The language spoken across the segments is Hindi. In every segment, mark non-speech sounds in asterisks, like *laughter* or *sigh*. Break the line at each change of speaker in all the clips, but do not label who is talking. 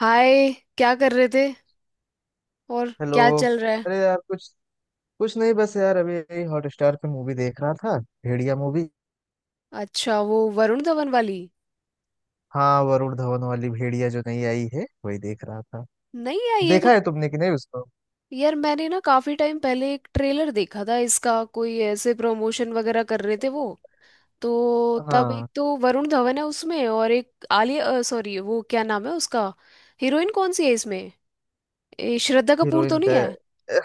हाय। क्या कर रहे थे? और
हेलो।
क्या चल रहा है?
अरे यार कुछ, कुछ नहीं, बस यार अभी यही हॉटस्टार पे मूवी देख रहा था। भेड़िया मूवी।
अच्छा, वो वरुण धवन वाली।
हाँ, वरुण धवन वाली भेड़िया जो नई आई है वही देख रहा था।
नहीं यार, ये तो
देखा है तुमने कि नहीं उसको?
यार मैंने ना काफी टाइम पहले एक ट्रेलर देखा था इसका, कोई ऐसे प्रमोशन वगैरह कर रहे थे वो। तो तब एक
हाँ,
तो वरुण धवन है उसमें, और एक आलिया, सॉरी, वो क्या नाम है उसका। हीरोइन कौन सी है इसमें? ए, श्रद्धा कपूर तो
हीरोइन का?
नहीं है?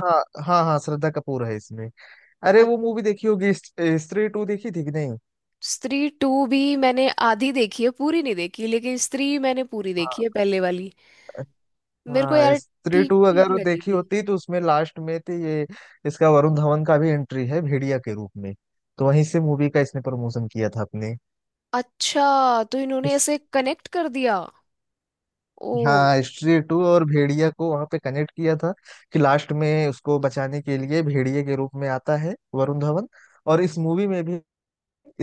हाँ हाँ, हाँ श्रद्धा कपूर है इसमें। अरे
अ-
वो मूवी देखी होगी स्त्री टू देखी थी कि नहीं?
स्त्री टू भी मैंने आधी देखी है, पूरी नहीं देखी, लेकिन स्त्री मैंने पूरी देखी
हाँ।
है, पहले वाली। मेरे को
हाँ
यार
स्त्री
ठीक
टू
ठीक
अगर
लगी
देखी
थी।
होती तो उसमें लास्ट में तो ये इसका वरुण धवन का भी एंट्री है भेड़िया के रूप में। तो वहीं से मूवी का इसने प्रमोशन किया था अपने।
अच्छा, तो इन्होंने ऐसे कनेक्ट कर दिया। ओ।
हाँ, हिस्ट्री टू और भेड़िया को वहां पे कनेक्ट किया था कि लास्ट में उसको बचाने के लिए भेड़िए के रूप में आता है वरुण धवन। और इस मूवी में भी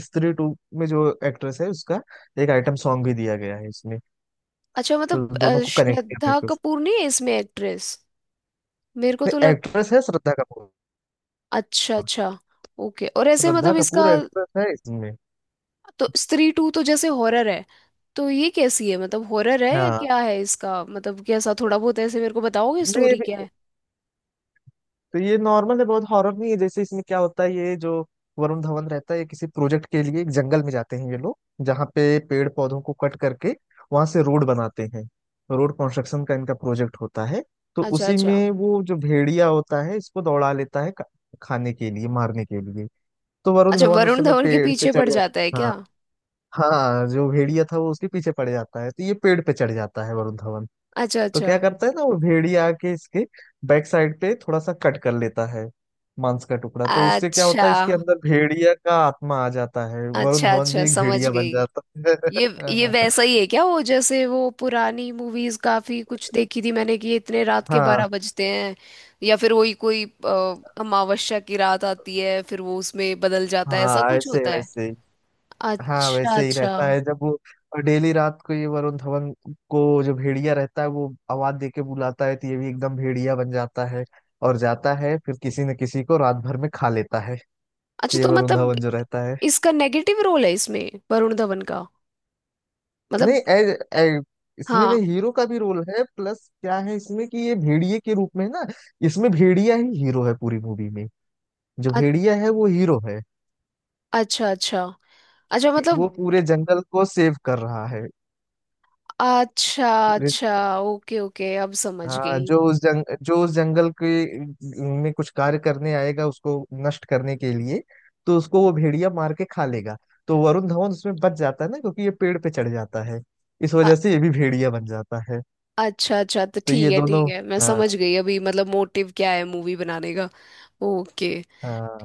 स्त्री टू में जो एक्ट्रेस है उसका एक आइटम सॉन्ग भी दिया गया है इसमें।
अच्छा, मतलब
तो दोनों को कनेक्ट करने
श्रद्धा कपूर नहीं है इसमें एक्ट्रेस? मेरे को
के
तो लग।
एक्ट्रेस है श्रद्धा कपूर।
अच्छा अच्छा। ओके, और ऐसे
श्रद्धा
मतलब इसका,
कपूर एक्ट्रेस है इसमें।
तो स्त्री टू तो जैसे हॉरर है, तो ये कैसी है? मतलब हॉरर है या
हाँ।
क्या है इसका? मतलब कैसा थोड़ा बहुत ऐसे मेरे को बताओगे,
नहीं
स्टोरी क्या है?
तो ये नॉर्मल है, बहुत हॉरर नहीं है। जैसे इसमें क्या होता है, ये जो वरुण धवन रहता है ये किसी प्रोजेक्ट के लिए एक जंगल में जाते हैं ये लोग, जहाँ पे पेड़ पौधों को कट करके वहां से रोड बनाते हैं। रोड कंस्ट्रक्शन का इनका प्रोजेक्ट होता है। तो
अच्छा
उसी
अच्छा।
में वो जो भेड़िया होता है इसको दौड़ा लेता है खाने के लिए, मारने के लिए। तो वरुण
अच्छा,
धवन उस
वरुण
समय
धवन के
पेड़ पे
पीछे
चढ़
पड़ जाता है
जाता।
क्या?
हाँ। हाँ जो भेड़िया था वो उसके पीछे पड़ जाता है तो ये पेड़ पे चढ़ जाता है वरुण धवन।
अच्छा
तो
अच्छा।
क्या करता है ना, वो भेड़िया आके इसके बैक साइड पे थोड़ा सा कट कर लेता है मांस का टुकड़ा। तो उससे क्या होता
अच्छा
है इसके अंदर भेड़िया का आत्मा आ जाता है, वरुण
अच्छा।
धवन भी
अच्छा,
एक
समझ
भेड़िया बन
गई।
जाता
ये ये
है।
वैसा ही है क्या? वो जैसे वो पुरानी मूवीज काफी कुछ देखी थी मैंने, कि ये इतने
*laughs*
रात के
हाँ।
12 बजते हैं या फिर वही कोई अमावस्या की रात आती है, फिर वो उसमें बदल जाता है, ऐसा
हाँ
कुछ
ऐसे
होता है?
वैसे ही। हाँ
अच्छा
वैसे ही
अच्छा।
रहता है। जब वो डेली रात को ये वरुण धवन को जो भेड़िया रहता है वो आवाज दे के बुलाता है तो ये भी एकदम भेड़िया बन जाता है और जाता है फिर किसी न किसी को रात भर में खा लेता है।
अच्छा,
ये
तो
वरुण
मतलब
धवन जो रहता है।
इसका नेगेटिव रोल है इसमें वरुण धवन का? मतलब
नहीं ए, ए, इसमें ना
हाँ।
हीरो का भी रोल है। प्लस क्या है इसमें कि ये भेड़िए के रूप में है ना, इसमें भेड़िया ही हीरो है पूरी मूवी में। जो
अ-
भेड़िया है वो हीरो है।
अच्छा अच्छा। अच्छा,
वो
मतलब
पूरे जंगल को सेव कर रहा है।
अच्छा
पूरे-
अच्छा। ओके ओके, अब समझ
हाँ
गई।
जो उस जंग जो उस जंगल के में कुछ कार्य करने आएगा उसको नष्ट करने के लिए, तो उसको वो भेड़िया मार के खा लेगा। तो वरुण धवन उसमें बच जाता है ना, क्योंकि ये पेड़ पे चढ़ जाता है। इस वजह से ये भी भेड़िया बन जाता है।
अच्छा अच्छा, तो
तो
ठीक
ये
है
दोनों।
ठीक है, मैं समझ
हाँ।
गई अभी। मतलब मोटिव क्या है मूवी बनाने का? ओके।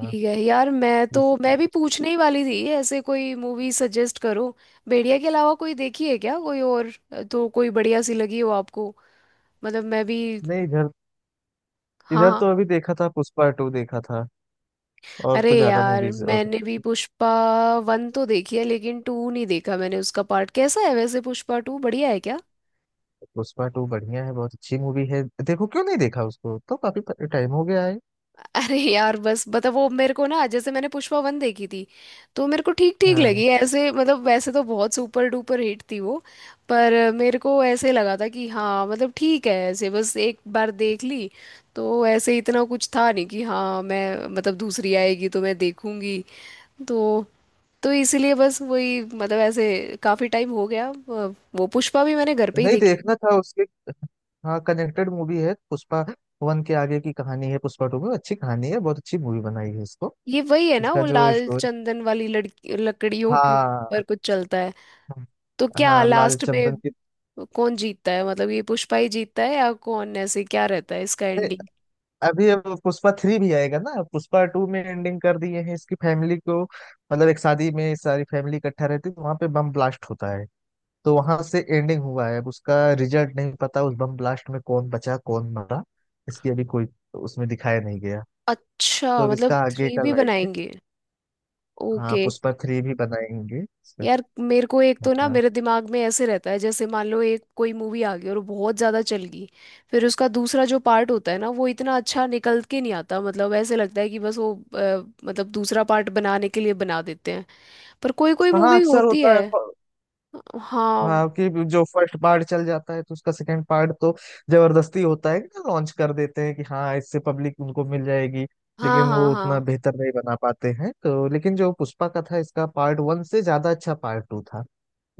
ठीक है यार, मैं तो
इस-
मैं भी पूछने ही वाली थी, ऐसे कोई मूवी सजेस्ट करो, भेड़िया के अलावा कोई देखी है क्या कोई और, तो कोई बढ़िया सी लगी हो आपको, मतलब मैं भी।
नहीं इधर,
हाँ
इधर
हाँ।
तो अभी देखा था पुष्पा टू देखा था। और
अरे
तो ज्यादा
यार,
मूवीज और नहीं।
मैंने भी पुष्पा वन तो देखी है, लेकिन टू नहीं देखा मैंने। उसका पार्ट कैसा है वैसे? पुष्पा टू बढ़िया है क्या?
पुष्पा टू बढ़िया है, बहुत अच्छी मूवी है। देखो क्यों नहीं देखा उसको, तो काफी टाइम हो गया है।
अरे यार, बस मतलब वो मेरे को ना, जैसे मैंने पुष्पा वन देखी थी, तो मेरे को ठीक ठीक
हाँ
लगी ऐसे। मतलब वैसे तो बहुत सुपर डुपर हिट थी वो, पर मेरे को ऐसे लगा था कि हाँ मतलब ठीक है ऐसे, बस एक बार देख ली, तो ऐसे इतना कुछ था नहीं कि हाँ मैं मतलब दूसरी आएगी तो मैं देखूंगी। तो तो इसीलिए बस वही, मतलब ऐसे काफी टाइम हो गया वो पुष्पा भी मैंने घर पे ही
नहीं
देखी।
देखना था उसके। हाँ कनेक्टेड मूवी है। पुष्पा वन के आगे की कहानी है पुष्पा टू में। अच्छी कहानी है, बहुत अच्छी मूवी बनाई है इसको।
ये वही है ना,
इसका
वो
जो
लाल
स्टोरी।
चंदन वाली, लड़की लकड़ियों के ऊपर
हाँ
कुछ चलता है? तो क्या
हाँ, लाल
लास्ट
चंदन
में कौन जीतता है? मतलब ये पुष्पा ही जीतता है या कौन? ऐसे क्या रहता है इसका
की।
एंडिंग?
अभी अब पुष्पा थ्री भी आएगा ना। पुष्पा टू में एंडिंग कर दिए हैं इसकी फैमिली को, मतलब एक शादी में सारी फैमिली इकट्ठा रहती है वहां पे बम ब्लास्ट होता है। तो वहां से एंडिंग हुआ है अब उसका। रिजल्ट नहीं पता उस बम ब्लास्ट में कौन बचा कौन मरा। इसकी अभी कोई उसमें दिखाया नहीं गया। तो
अच्छा,
अब
मतलब
इसका आगे
थ्री
का
भी
लाएंगे।
बनाएंगे।
हाँ
ओके।
पुष्पा थ्री भी बनाएंगे इसका।
यार मेरे को एक तो ना
हाँ।
मेरे दिमाग में ऐसे रहता है, जैसे मान लो एक कोई मूवी आ गई और बहुत ज़्यादा चल गई, फिर उसका दूसरा जो पार्ट होता है ना वो इतना अच्छा निकल के नहीं आता। मतलब ऐसे लगता है कि बस वो मतलब दूसरा पार्ट बनाने के लिए बना देते हैं, पर कोई कोई
हाँ,
मूवी
अक्सर
होती
होता
है।
है।
हाँ
हाँ कि जो फर्स्ट पार्ट चल जाता है तो उसका सेकंड पार्ट तो जबरदस्ती होता है कि ना लॉन्च कर देते हैं कि हाँ इससे पब्लिक उनको मिल जाएगी,
हाँ
लेकिन
हाँ
वो उतना
हाँ।
बेहतर नहीं बना पाते हैं। तो लेकिन जो पुष्पा का था इसका पार्ट वन से ज्यादा अच्छा पार्ट टू था।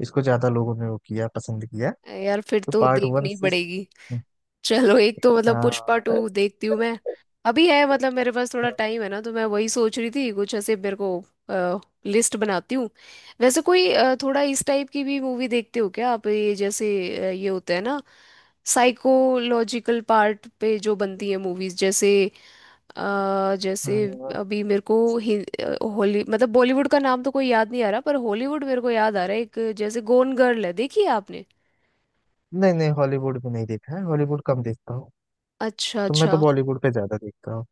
इसको ज्यादा लोगों ने वो किया, पसंद किया,
यार फिर
तो
तो
पार्ट वन
देखनी
से।
पड़ेगी। चलो, एक तो
हाँ।
मतलब पुष्पा
हाँ।
टू देखती हूँ मैं। अभी है, मतलब मेरे पास थोड़ा टाइम है ना, तो मैं वही सोच रही थी कुछ ऐसे मेरे को लिस्ट बनाती हूँ। वैसे कोई थोड़ा इस टाइप की भी मूवी देखते हो क्या आप, ये जैसे ये होता है ना साइकोलॉजिकल पार्ट पे जो बनती है मूवीज, जैसे जैसे
हाँ।
अभी मेरे को हॉली मतलब बॉलीवुड का नाम तो कोई याद नहीं आ रहा, पर हॉलीवुड मेरे को याद आ रहा है एक, जैसे गोन गर्ल है, देखी है आपने?
नहीं नहीं, हॉलीवुड भी नहीं देखा है। हॉलीवुड कम देखता हूँ,
अच्छा
तो मैं
अच्छा।
तो बॉलीवुड पे ज्यादा देखता हूँ।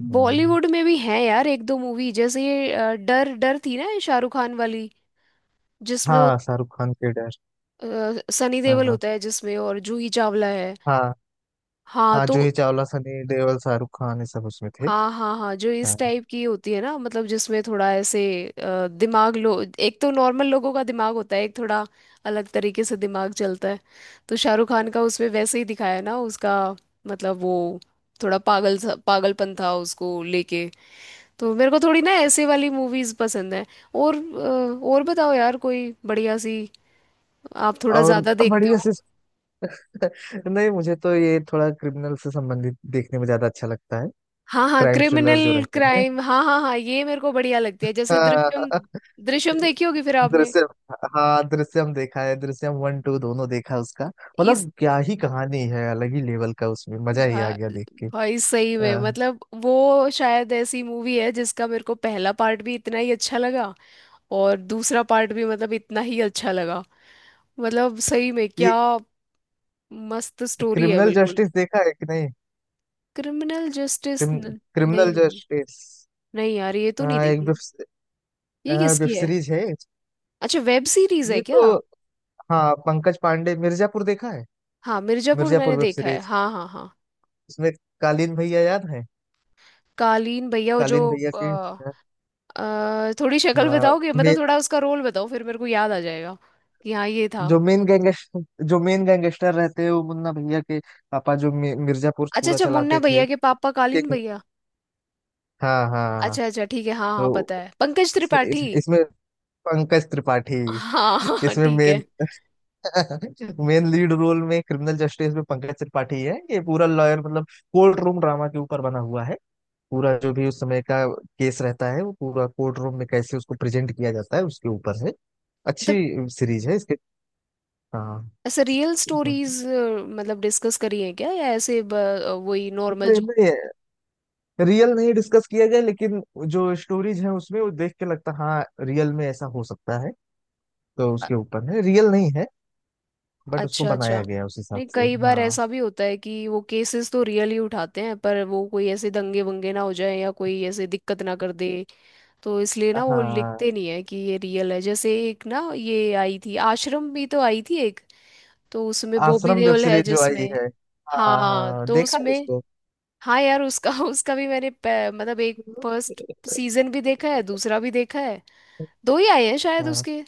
हम्म।
बॉलीवुड में भी है यार एक दो मूवी, जैसे ये डर, डर थी ना ये शाहरुख खान वाली, जिसमें वो
हाँ शाहरुख खान के डर।
सनी
हाँ
देओल
हाँ।
होता है जिसमें, और जूही चावला है।
हाँ।
हाँ
हाँ
तो।
जूही चावला, सनी देओल, शाहरुख खान ये सब उसमें थे।
हाँ हाँ हाँ, जो इस
हाँ।
टाइप की होती है ना, मतलब जिसमें थोड़ा ऐसे दिमाग, लो एक तो नॉर्मल लोगों का दिमाग होता है, एक थोड़ा अलग तरीके से दिमाग चलता है, तो शाहरुख खान का उसमें वैसे ही दिखाया है ना उसका। मतलब वो थोड़ा पागलपन था उसको लेके, तो मेरे को थोड़ी ना ऐसे वाली मूवीज पसंद है। और बताओ यार कोई बढ़िया सी, आप थोड़ा
और
ज्यादा देखते
बढ़िया
हो।
से *laughs* नहीं, मुझे तो ये थोड़ा क्रिमिनल से संबंधित देखने में ज्यादा अच्छा लगता है।
हाँ हाँ,
क्राइम थ्रिलर
क्रिमिनल,
जो रहते हैं।
क्राइम, हाँ हाँ हाँ, ये मेरे को बढ़िया लगती है, जैसे
हाँ
दृश्यम, दृश्यम देखी होगी फिर आपने।
दृश्यम, हाँ दृश्यम देखा है। दृश्यम वन टू दोनों देखा है उसका।
इस
मतलब क्या ही कहानी है, अलग ही लेवल का। उसमें मजा ही आ
भा,
गया देख के।
भाई सही में,
हाँ,
मतलब वो शायद ऐसी मूवी है जिसका मेरे को पहला पार्ट भी इतना ही अच्छा लगा और दूसरा पार्ट भी, मतलब इतना ही अच्छा लगा। मतलब सही में
ये
क्या मस्त स्टोरी है
क्रिमिनल
बिल्कुल।
जस्टिस देखा है कि नहीं?
क्रिमिनल जस्टिस,
क्रिम,
नहीं
क्रिमिनल
यार,
जस्टिस।
नहीं यार, ये तो नहीं
हाँ एक वेब,
देखी। ये
हाँ वेब
किसकी है?
सीरीज है।
अच्छा, वेब सीरीज है
ये तो,
क्या?
हाँ पंकज पांडे। मिर्जापुर देखा है?
हाँ मिर्जापुर
मिर्जापुर
मैंने
वेब
देखा है,
सीरीज,
हाँ हाँ हाँ।
उसमें कालीन भैया याद है?
कालीन भैया वो जो
कालीन भैया के,
अ, थोड़ी शक्ल
हाँ
बताओगे,
मे,
मतलब थोड़ा उसका रोल बताओ, फिर मेरे को याद आ जाएगा कि हाँ ये था।
जो मेन गैंगस्टर, जो मेन गैंगस्टर रहते हैं वो मुन्ना भैया के पापा जो मिर्जापुर
अच्छा
पूरा
अच्छा, मुन्ना
चलाते थे।
भैया के पापा कालीन
किंग।
भैया।
हाँ हाँ।
अच्छा अच्छा, ठीक है, हाँ हाँ,
तो
पता है, पंकज
इसमें
त्रिपाठी।
इसमें पंकज त्रिपाठी।
हाँ *laughs* हाँ
इसमें
ठीक
मेन
है।
*laughs* मेन लीड रोल में क्रिमिनल जस्टिस में पंकज त्रिपाठी है। ये पूरा लॉयर मतलब कोर्ट रूम ड्रामा के ऊपर बना हुआ है। पूरा जो भी उस समय का केस रहता है वो पूरा कोर्ट रूम में कैसे उसको प्रेजेंट किया जाता है उसके ऊपर है। अच्छी
मतलब
सीरीज है इसके। हाँ।
ऐसे रियल स्टोरीज मतलब डिस्कस करी है क्या, या ऐसे वही नॉर्मल
नहीं,
जो।
नहीं, रियल नहीं डिस्कस किया गया, लेकिन जो स्टोरीज है उसमें वो देख के लगता है, हाँ रियल में ऐसा हो सकता है। तो उसके ऊपर है, रियल नहीं है बट उसको
अच्छा अच्छा।
बनाया गया है उस हिसाब
नहीं,
से।
कई बार
हाँ।
ऐसा भी होता है कि वो केसेस तो रियल ही उठाते हैं, पर वो कोई ऐसे दंगे वंगे ना हो जाए या कोई ऐसे दिक्कत ना कर दे, तो इसलिए ना वो
हाँ
लिखते नहीं है कि ये रियल है। जैसे एक ना ये आई थी, आश्रम भी तो आई थी एक, तो उसमें बॉबी
आश्रम वेब
देओल है
सीरीज जो आई
जिसमें।
है, हाँ
हाँ
हाँ
तो
देखा है
उसमें।
उसको।
हाँ यार उसका *laughs* उसका भी मैंने मतलब एक फर्स्ट सीजन भी देखा है, दूसरा भी देखा है, दो ही आए हैं शायद
हाँ
उसके।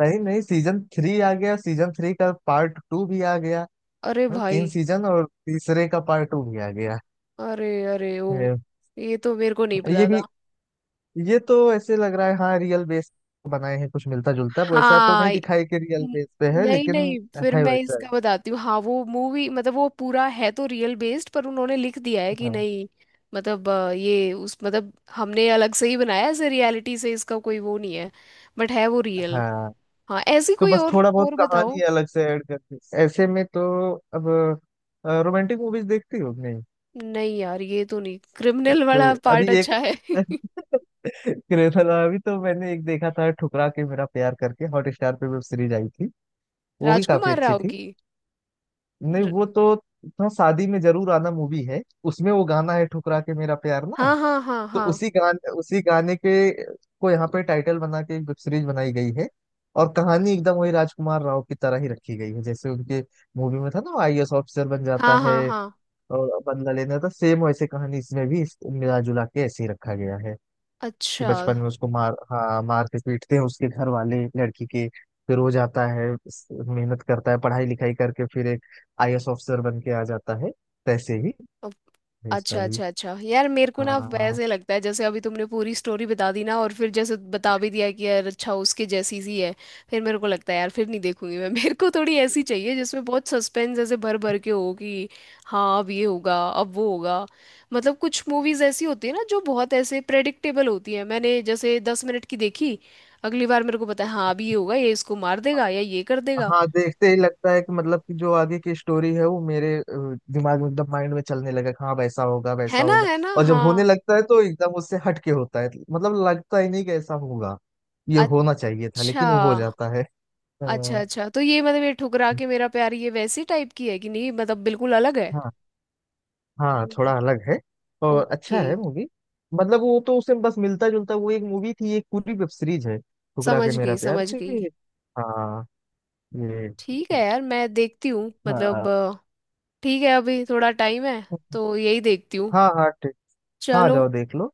नहीं नहीं, सीजन थ्री आ गया, सीजन थ्री का पार्ट टू भी आ गया।
अरे
हाँ,
भाई।
तीन सीजन और तीसरे का पार्ट टू भी आ गया
अरे। अरे ओ।
है।
ये तो मेरे को नहीं
ये
पता
भी
था।
ये तो ऐसे लग रहा है हाँ रियल बेस बनाए हैं। कुछ मिलता जुलता, वैसा तो नहीं
हाँ।
दिखाई कि रियल
न-
बेस पे है
नहीं
लेकिन
नहीं, फिर
है
मैं
वैसा
इसका
ही।
बताती हूँ। हाँ वो मूवी मतलब वो पूरा है तो रियल बेस्ड, पर उन्होंने लिख दिया है कि
हाँ।
नहीं। मतलब ये उस मतलब हमने अलग से ही बनाया है, ऐसे रियलिटी से इसका कोई वो नहीं है, बट है वो रियल।
हाँ
हाँ, ऐसी
तो
कोई
बस
और
थोड़ा बहुत
और
कहानी
बताओ।
अलग से ऐड करके ऐसे में तो। अब रोमांटिक मूवीज देखती हो कि नहीं?
नहीं यार, ये तो नहीं,
तो,
क्रिमिनल वाला
तो अभी
पार्ट
एक
अच्छा है *laughs*
*laughs* क्रेथल अभी तो मैंने एक देखा था, ठुकरा के मेरा प्यार करके हॉट स्टार पे वेब सीरीज आई थी, वो भी काफी
राजकुमार
अच्छी
राव
थी।
की।
नहीं
र-
वो तो था, शादी में जरूर आना मूवी है, उसमें वो गाना है ठुकरा के मेरा प्यार ना।
हाँ हाँ हाँ
तो
हाँ।
उसी गाने के को यहाँ पे टाइटल बना के एक वेब सीरीज बनाई गई है। और कहानी एकदम वही राजकुमार राव की तरह ही रखी गई है, जैसे उनके मूवी में था ना आईएएस ऑफिसर बन जाता
हाँ
है
हाँ हाँ।
और बदला लेना था। सेम वैसे कहानी इसमें भी मिला जुला के ऐसे ही रखा गया है कि
अच्छा।
बचपन में उसको मार हाँ मारते पीटते हैं उसके घर वाले लड़की के। फिर वो जाता है, मेहनत करता है, पढ़ाई लिखाई करके फिर एक आईएएस ऑफिसर बन के आ जाता है। वैसे ही है इसका
अच्छा
भी।
अच्छा अच्छा। यार मेरे को ना
हाँ।
वैसे लगता है, जैसे अभी तुमने पूरी स्टोरी बता दी ना, और फिर जैसे बता भी दिया कि यार अच्छा उसके जैसी सी है, फिर मेरे को लगता है यार फिर नहीं देखूंगी मैं *laughs* मेरे को थोड़ी ऐसी चाहिए जिसमें बहुत सस्पेंस ऐसे भर भर के हो, कि हाँ अब ये होगा अब वो होगा। मतलब कुछ मूवीज ऐसी होती है ना जो बहुत ऐसे प्रेडिक्टेबल होती है, मैंने जैसे 10 मिनट की देखी, अगली बार मेरे को पता है हाँ अभी ये होगा, ये इसको मार देगा या ये कर देगा।
हाँ देखते ही लगता है कि मतलब कि जो आगे की स्टोरी है वो मेरे दिमाग में एकदम माइंड में चलने लगा कि हाँ वैसा होगा
है
वैसा
ना,
होगा।
है ना,
और जब होने
हाँ।
लगता है तो एकदम उससे हट के होता है, मतलब लगता ही नहीं कि ऐसा होगा। ये होना चाहिए था
अच्छा
लेकिन वो हो जाता है।
अच्छा।
अ,
अच्छा तो ये मतलब ये ठुकरा के मेरा प्यार, ये वैसी टाइप की है कि नहीं? मतलब बिल्कुल अलग है?
हाँ, हाँ
हम्म।
थोड़ा अलग है और अच्छा
ओके।
है मूवी। मतलब वो तो उससे बस मिलता जुलता वो एक मूवी थी, एक पूरी वेब सीरीज है ठुकरा के
समझ
मेरा
गई
प्यार,
समझ
तो
गई।
ये। हाँ, ये।
ठीक है यार, मैं देखती हूँ
हाँ।
मतलब ठीक है अभी थोड़ा टाइम है तो यही देखती हूँ।
हाँ। हाँ ठीक। हाँ
चलो।
जाओ देख लो।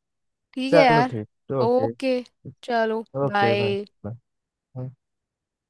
ठीक है
चलो
यार।
ठीक। ओके।
ओके। चलो।
Okay
bye.
बाय।